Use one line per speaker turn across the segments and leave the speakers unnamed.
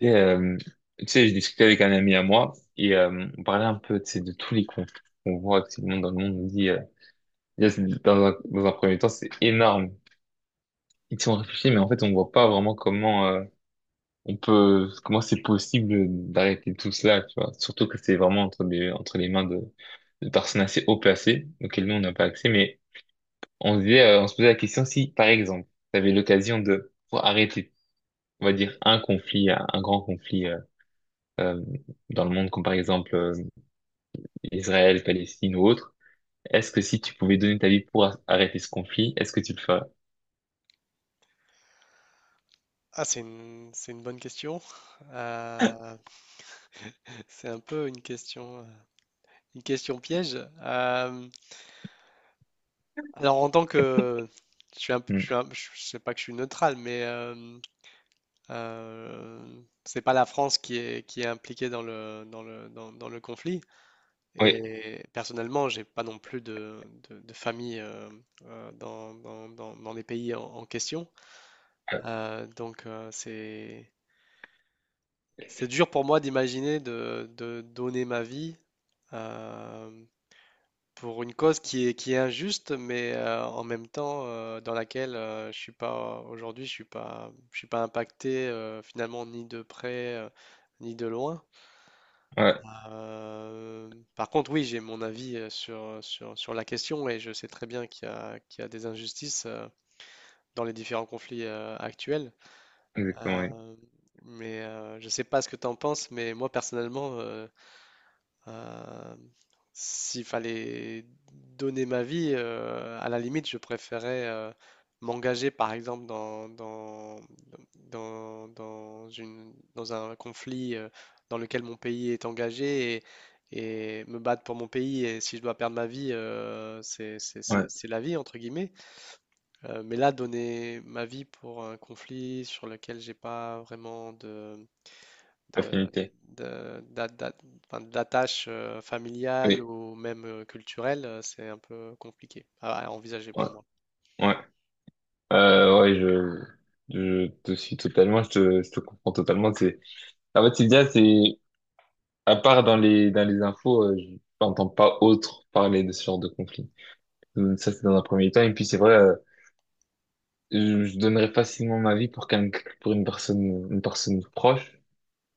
Et, euh, Tu sais, je discutais avec un ami à moi et on parlait un peu, tu sais, de tous les cons qu'on voit actuellement dans le monde. On dit, déjà, dans un premier temps, c'est énorme. Ils sont réfléchis, mais en fait, on voit pas vraiment comment on peut, comment c'est possible d'arrêter tout cela, tu vois. Surtout que c'est vraiment entre les mains de personnes assez haut placées, auxquelles nous, on n'a pas accès. Mais on se disait, on se posait la question si, par exemple, tu avais l'occasion de pouvoir arrêter, on va dire, un conflit, un grand conflit euh, dans le monde, comme par exemple... Israël, Palestine ou autre. Est-ce que si tu pouvais donner ta vie pour arrêter ce conflit, est-ce que tu le ferais?
Ah, c'est une bonne question. Euh, c'est un peu une question piège. Euh, alors, en tant que, je suis un,
Hmm.
je sais pas que je suis neutral, mais euh, c'est pas la France qui est impliquée dans le, dans le, dans, dans le conflit.
Oui,
Et personnellement, j'ai pas non plus de famille dans, dans, dans, dans les pays en, en question.
ouais,
Donc, c'est dur pour moi d'imaginer de donner ma vie euh, pour une cause qui est injuste, mais en même temps dans laquelle je suis pas aujourd'hui, je suis pas impacté finalement ni de près ni de loin.
ouais,
Euh, par contre, oui, j'ai mon avis sur, sur, sur la question et je sais très bien qu'il y a des injustices dans les différents conflits actuels.
exactement, oui.
Euh, mais je sais pas ce que tu en penses, mais moi personnellement, Euh, s'il fallait donner ma vie, à la limite, je préférais m'engager, par exemple, dans, dans, dans, dans une, dans un conflit dans lequel mon pays est engagé et me battre pour mon pays. Et si je dois perdre ma vie, c'est,
Ouais,
c'est la vie, entre guillemets. Mais là, donner ma vie pour un conflit sur lequel j'ai pas vraiment de,
affinité.
de- d'a- d'a- enfin, d'attache familiale
Oui,
ou même culturelle, c'est un peu compliqué à envisager
ouais,
pour moi.
ouais. Ouais, je te suis totalement, je te comprends totalement. C'est, en fait, Sylvia, c'est, à part dans les infos, je n'entends pas autre parler de ce genre de conflit. Donc, ça, c'est dans un premier temps. Et puis, c'est vrai, je donnerais facilement ma vie pour qu'un, pour une personne proche,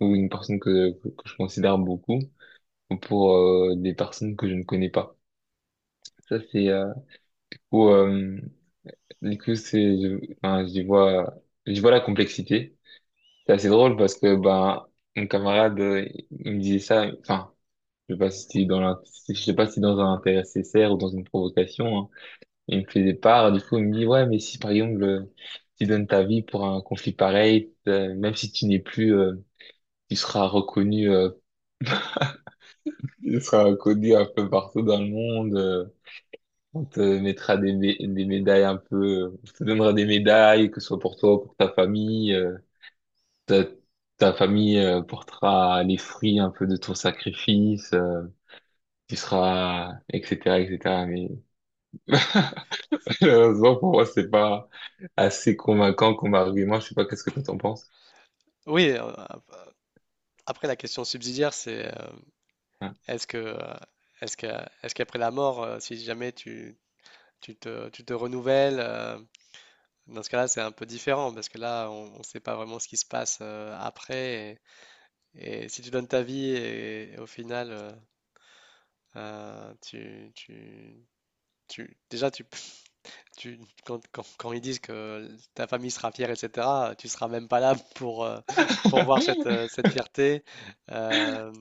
ou une personne que je considère beaucoup pour des personnes que je ne connais pas. Ça, c'est où, du coup, c'est, je, enfin, j'y vois la complexité. C'est assez drôle parce que, ben, mon camarade, il me disait ça, enfin, je sais pas si c'était dans la, si- je sais pas si c'était dans un intérêt sincère ou dans une provocation, hein. Il me faisait part, du coup, il me dit, ouais, mais si, par exemple, tu donnes ta vie pour un conflit pareil, même si tu n'es plus, tu seras reconnu, tu seras connu un peu partout dans le monde. On te mettra des médailles un peu, on te donnera des médailles, que ce soit pour toi ou pour ta famille. Ta, ta famille portera les fruits un peu de ton sacrifice. Tu seras, etc., etc. Mais malheureusement, pour moi, c'est pas assez convaincant comme argument. Je sais pas, qu'est-ce que toi t'en penses?
Oui, après la question subsidiaire, c'est
Ouais.
est-ce que est-ce que est-ce qu'après la mort, si jamais tu, tu te renouvelles, dans ce cas-là, c'est un peu différent parce que là, on ne sait pas vraiment ce qui se passe après. Et si tu donnes ta vie et au final, tu, tu, déjà tu tu, quand, quand ils disent que ta famille sera fière, etc., tu seras même pas là pour, pour voir cette, cette fierté. Euh,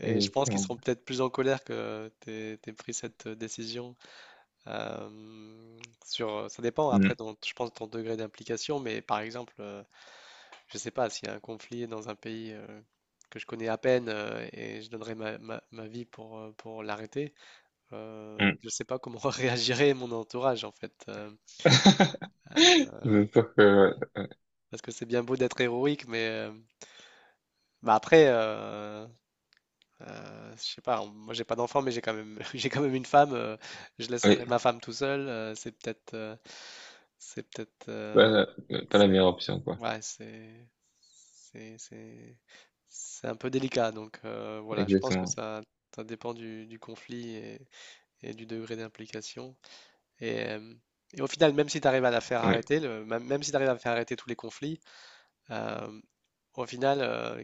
et je pense qu'ils
Exactement.
seront peut-être plus en colère que tu aies pris cette décision. Euh, sur, ça dépend après,
Mm,
je pense, de ton degré d'implication, mais par exemple, je sais pas, s'il y a un conflit dans un pays que je connais à peine et je donnerais ma, ma vie pour l'arrêter,
mm.
je sais pas comment réagirait mon entourage en fait.
C'est sûr que,
Parce que c'est bien beau d'être héroïque, mais bah après, je sais pas, moi j'ai pas d'enfant, mais j'ai quand même, j'ai quand même une femme. Je laisserai
ouais,
ma femme tout seul. C'est peut-être, c'est peut-être,
pas la, pas la
c'est,
meilleure option, quoi.
ouais, c'est, c'est, c'est un peu délicat. Donc voilà, je pense que
Exactement.
ça dépend du conflit et du degré d'implication. Et, euh, et au final, même si tu arrives à la faire
Oui,
arrêter, le, même, même si tu arrives à faire arrêter tous les conflits, euh, au final,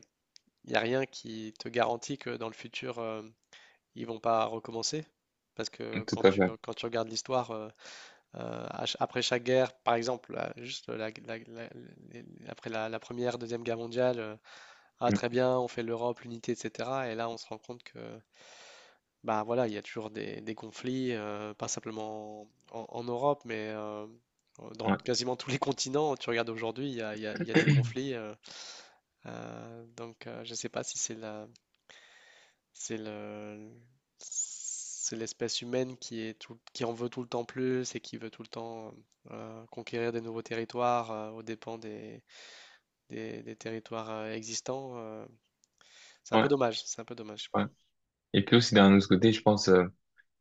il n'y a rien qui te garantit que dans le futur, ils vont pas recommencer. Parce que
tout à fait.
quand tu regardes l'histoire, à après chaque guerre, par exemple, là, juste après la, la première, deuxième guerre mondiale, ah
Mm,
très bien, on fait l'Europe, l'unité, etc. Et là, on se rend compte que bah voilà, il y a toujours des conflits, pas simplement en, en Europe, mais dans
ouais.
quasiment tous les continents. Tu regardes aujourd'hui, il y a, il y a des conflits. Donc, je ne sais pas si c'est la, c'est le, c'est l'espèce humaine qui est qui en veut tout le temps plus et qui veut tout le temps conquérir des nouveaux territoires aux dépens des, des territoires existants. C'est un peu
Ouais,
dommage. C'est un peu dommage.
ouais. Et puis aussi d'un autre côté, je pense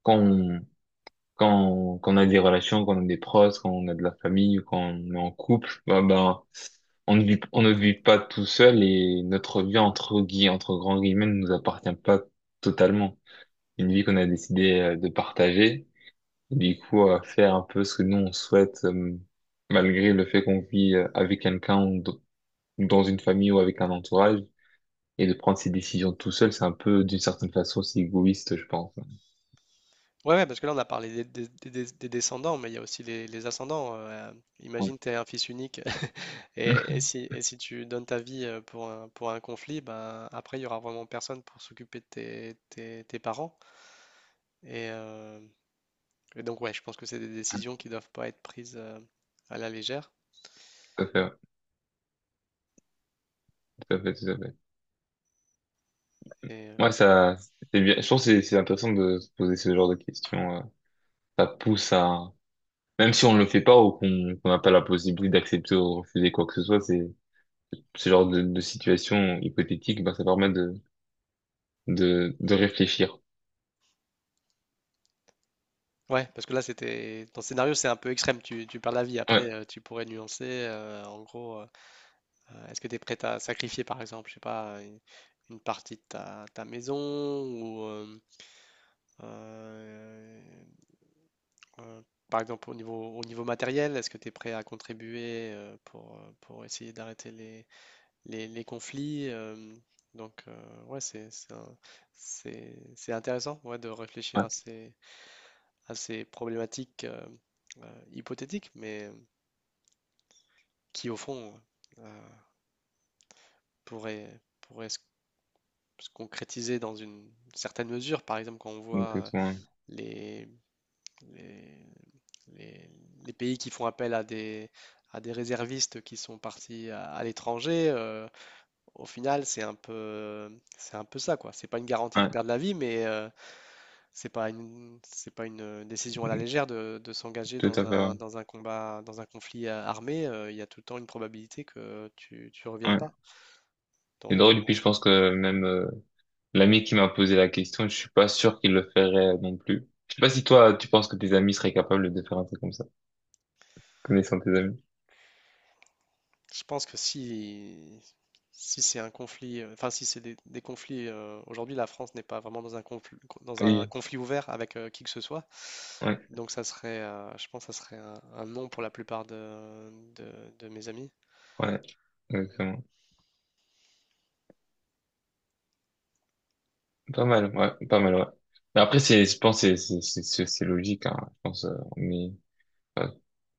quand on, quand on a des relations, quand on a des proches, quand on a de la famille ou quand on est en couple, bah on ne vit pas tout seul, et notre vie entre grands guillemets ne nous appartient pas totalement. Une vie qu'on a décidé de partager, et du coup à faire un peu ce que nous on souhaite, malgré le fait qu'on vit avec quelqu'un ou dans une famille ou avec un entourage. Et de prendre ses décisions tout seul, c'est un peu, d'une certaine façon, c'est égoïste, je pense.
Ouais, ouais, parce que là, on a parlé des, des descendants, mais il y a aussi les ascendants.
Ouais.
Imagine, tu es un fils unique et si tu donnes ta vie pour un conflit, ben, après, il y aura vraiment personne pour s'occuper de tes, tes parents. Et, euh, et donc, ouais, je pense que c'est des décisions qui doivent pas être prises à la légère.
Tout à fait, ouais. Tout à fait, tout à fait.
Et
Ouais, ça, c'est bien. Je trouve que c'est intéressant de se poser ce genre de questions. Ça pousse à, même si on ne le fait pas ou qu'on n'a pas la possibilité d'accepter ou de refuser quoi que ce soit, c'est ce genre de situation hypothétique, bah, ça permet de réfléchir.
ouais, parce que là, c'était ton scénario, c'est un peu extrême. Tu perds la vie. Après,
Ouais,
tu pourrais nuancer. En gros, est-ce que tu es prête à sacrifier, par exemple, je sais pas, une partie de ta, ta maison ou euh, euh, par exemple au niveau matériel, est-ce que tu es prêt à contribuer pour essayer d'arrêter les conflits. Donc, ouais, c'est, c'est intéressant ouais, de réfléchir
ouais,
à ces problématiques hypothétiques, mais qui, au fond, euh, pourraient, pourraient se, se concrétiser dans une certaine mesure. Par exemple, quand on voit
exactement.
les, les, les, les pays qui font appel à des réservistes qui sont partis à l'étranger, au final, c'est un peu ça, quoi. C'est pas une garantie de
Ouais,
perdre la vie, mais c'est pas une, c'est pas une décision à la légère de s'engager
tout à fait. Ouais.
dans un combat, dans un conflit armé. Il y a tout le temps une probabilité que tu reviennes
Ouais.
pas.
Et
Donc,
drôle, et puis je pense que même, l'ami qui m'a posé la question, je suis pas sûr qu'il le ferait non plus. Je sais pas si toi, tu penses que tes amis seraient capables de faire un truc comme ça, connaissant tes amis.
je pense que si, si c'est un conflit, enfin, si c'est des conflits, aujourd'hui, la France n'est pas vraiment dans un
Oui,
conflit ouvert avec qui que ce soit.
ouais,
Donc, ça serait, je pense que ça serait un non pour la plupart de, de mes amis.
ouais, exactement. Pas mal, ouais, pas mal, ouais. Mais après, c'est, je pense, que c'est logique, hein, je pense, mais, euh,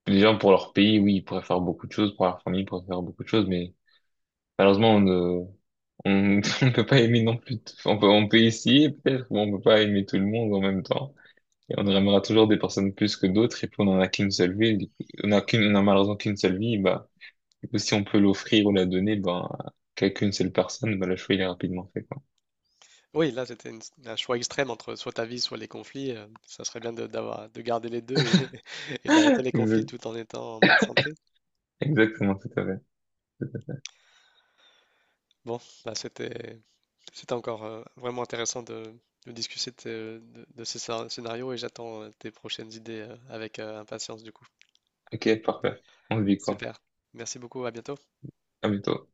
les gens pour leur pays, oui, ils pourraient faire beaucoup de choses, pour leur famille, ils pourraient faire beaucoup de choses, mais, malheureusement, on, on ne peut pas aimer non plus, on peut essayer peut-être, mais on peut pas aimer tout le monde en même temps. Et on aimera toujours des personnes plus que d'autres, et puis on en a qu'une seule vie, on a qu'une, on a malheureusement qu'une seule vie, bah, du coup, si on peut l'offrir ou la donner, ben, à qu'une seule personne, bah, le choix, il est rapidement fait, quoi.
Oui, là, c'était un choix extrême entre soit ta vie, soit les conflits. Ça serait bien de, d'avoir, de garder les deux et, et d'arrêter les conflits
Exact-
tout en étant en bonne santé.
Exactement, tout à fait.
Bon, là, c'était, c'était encore vraiment intéressant de discuter de, de ces scénarios et j'attends tes prochaines idées avec impatience, du coup.
Ok, parfait. On se dit quoi?
Super. Merci beaucoup, à bientôt.
À bientôt.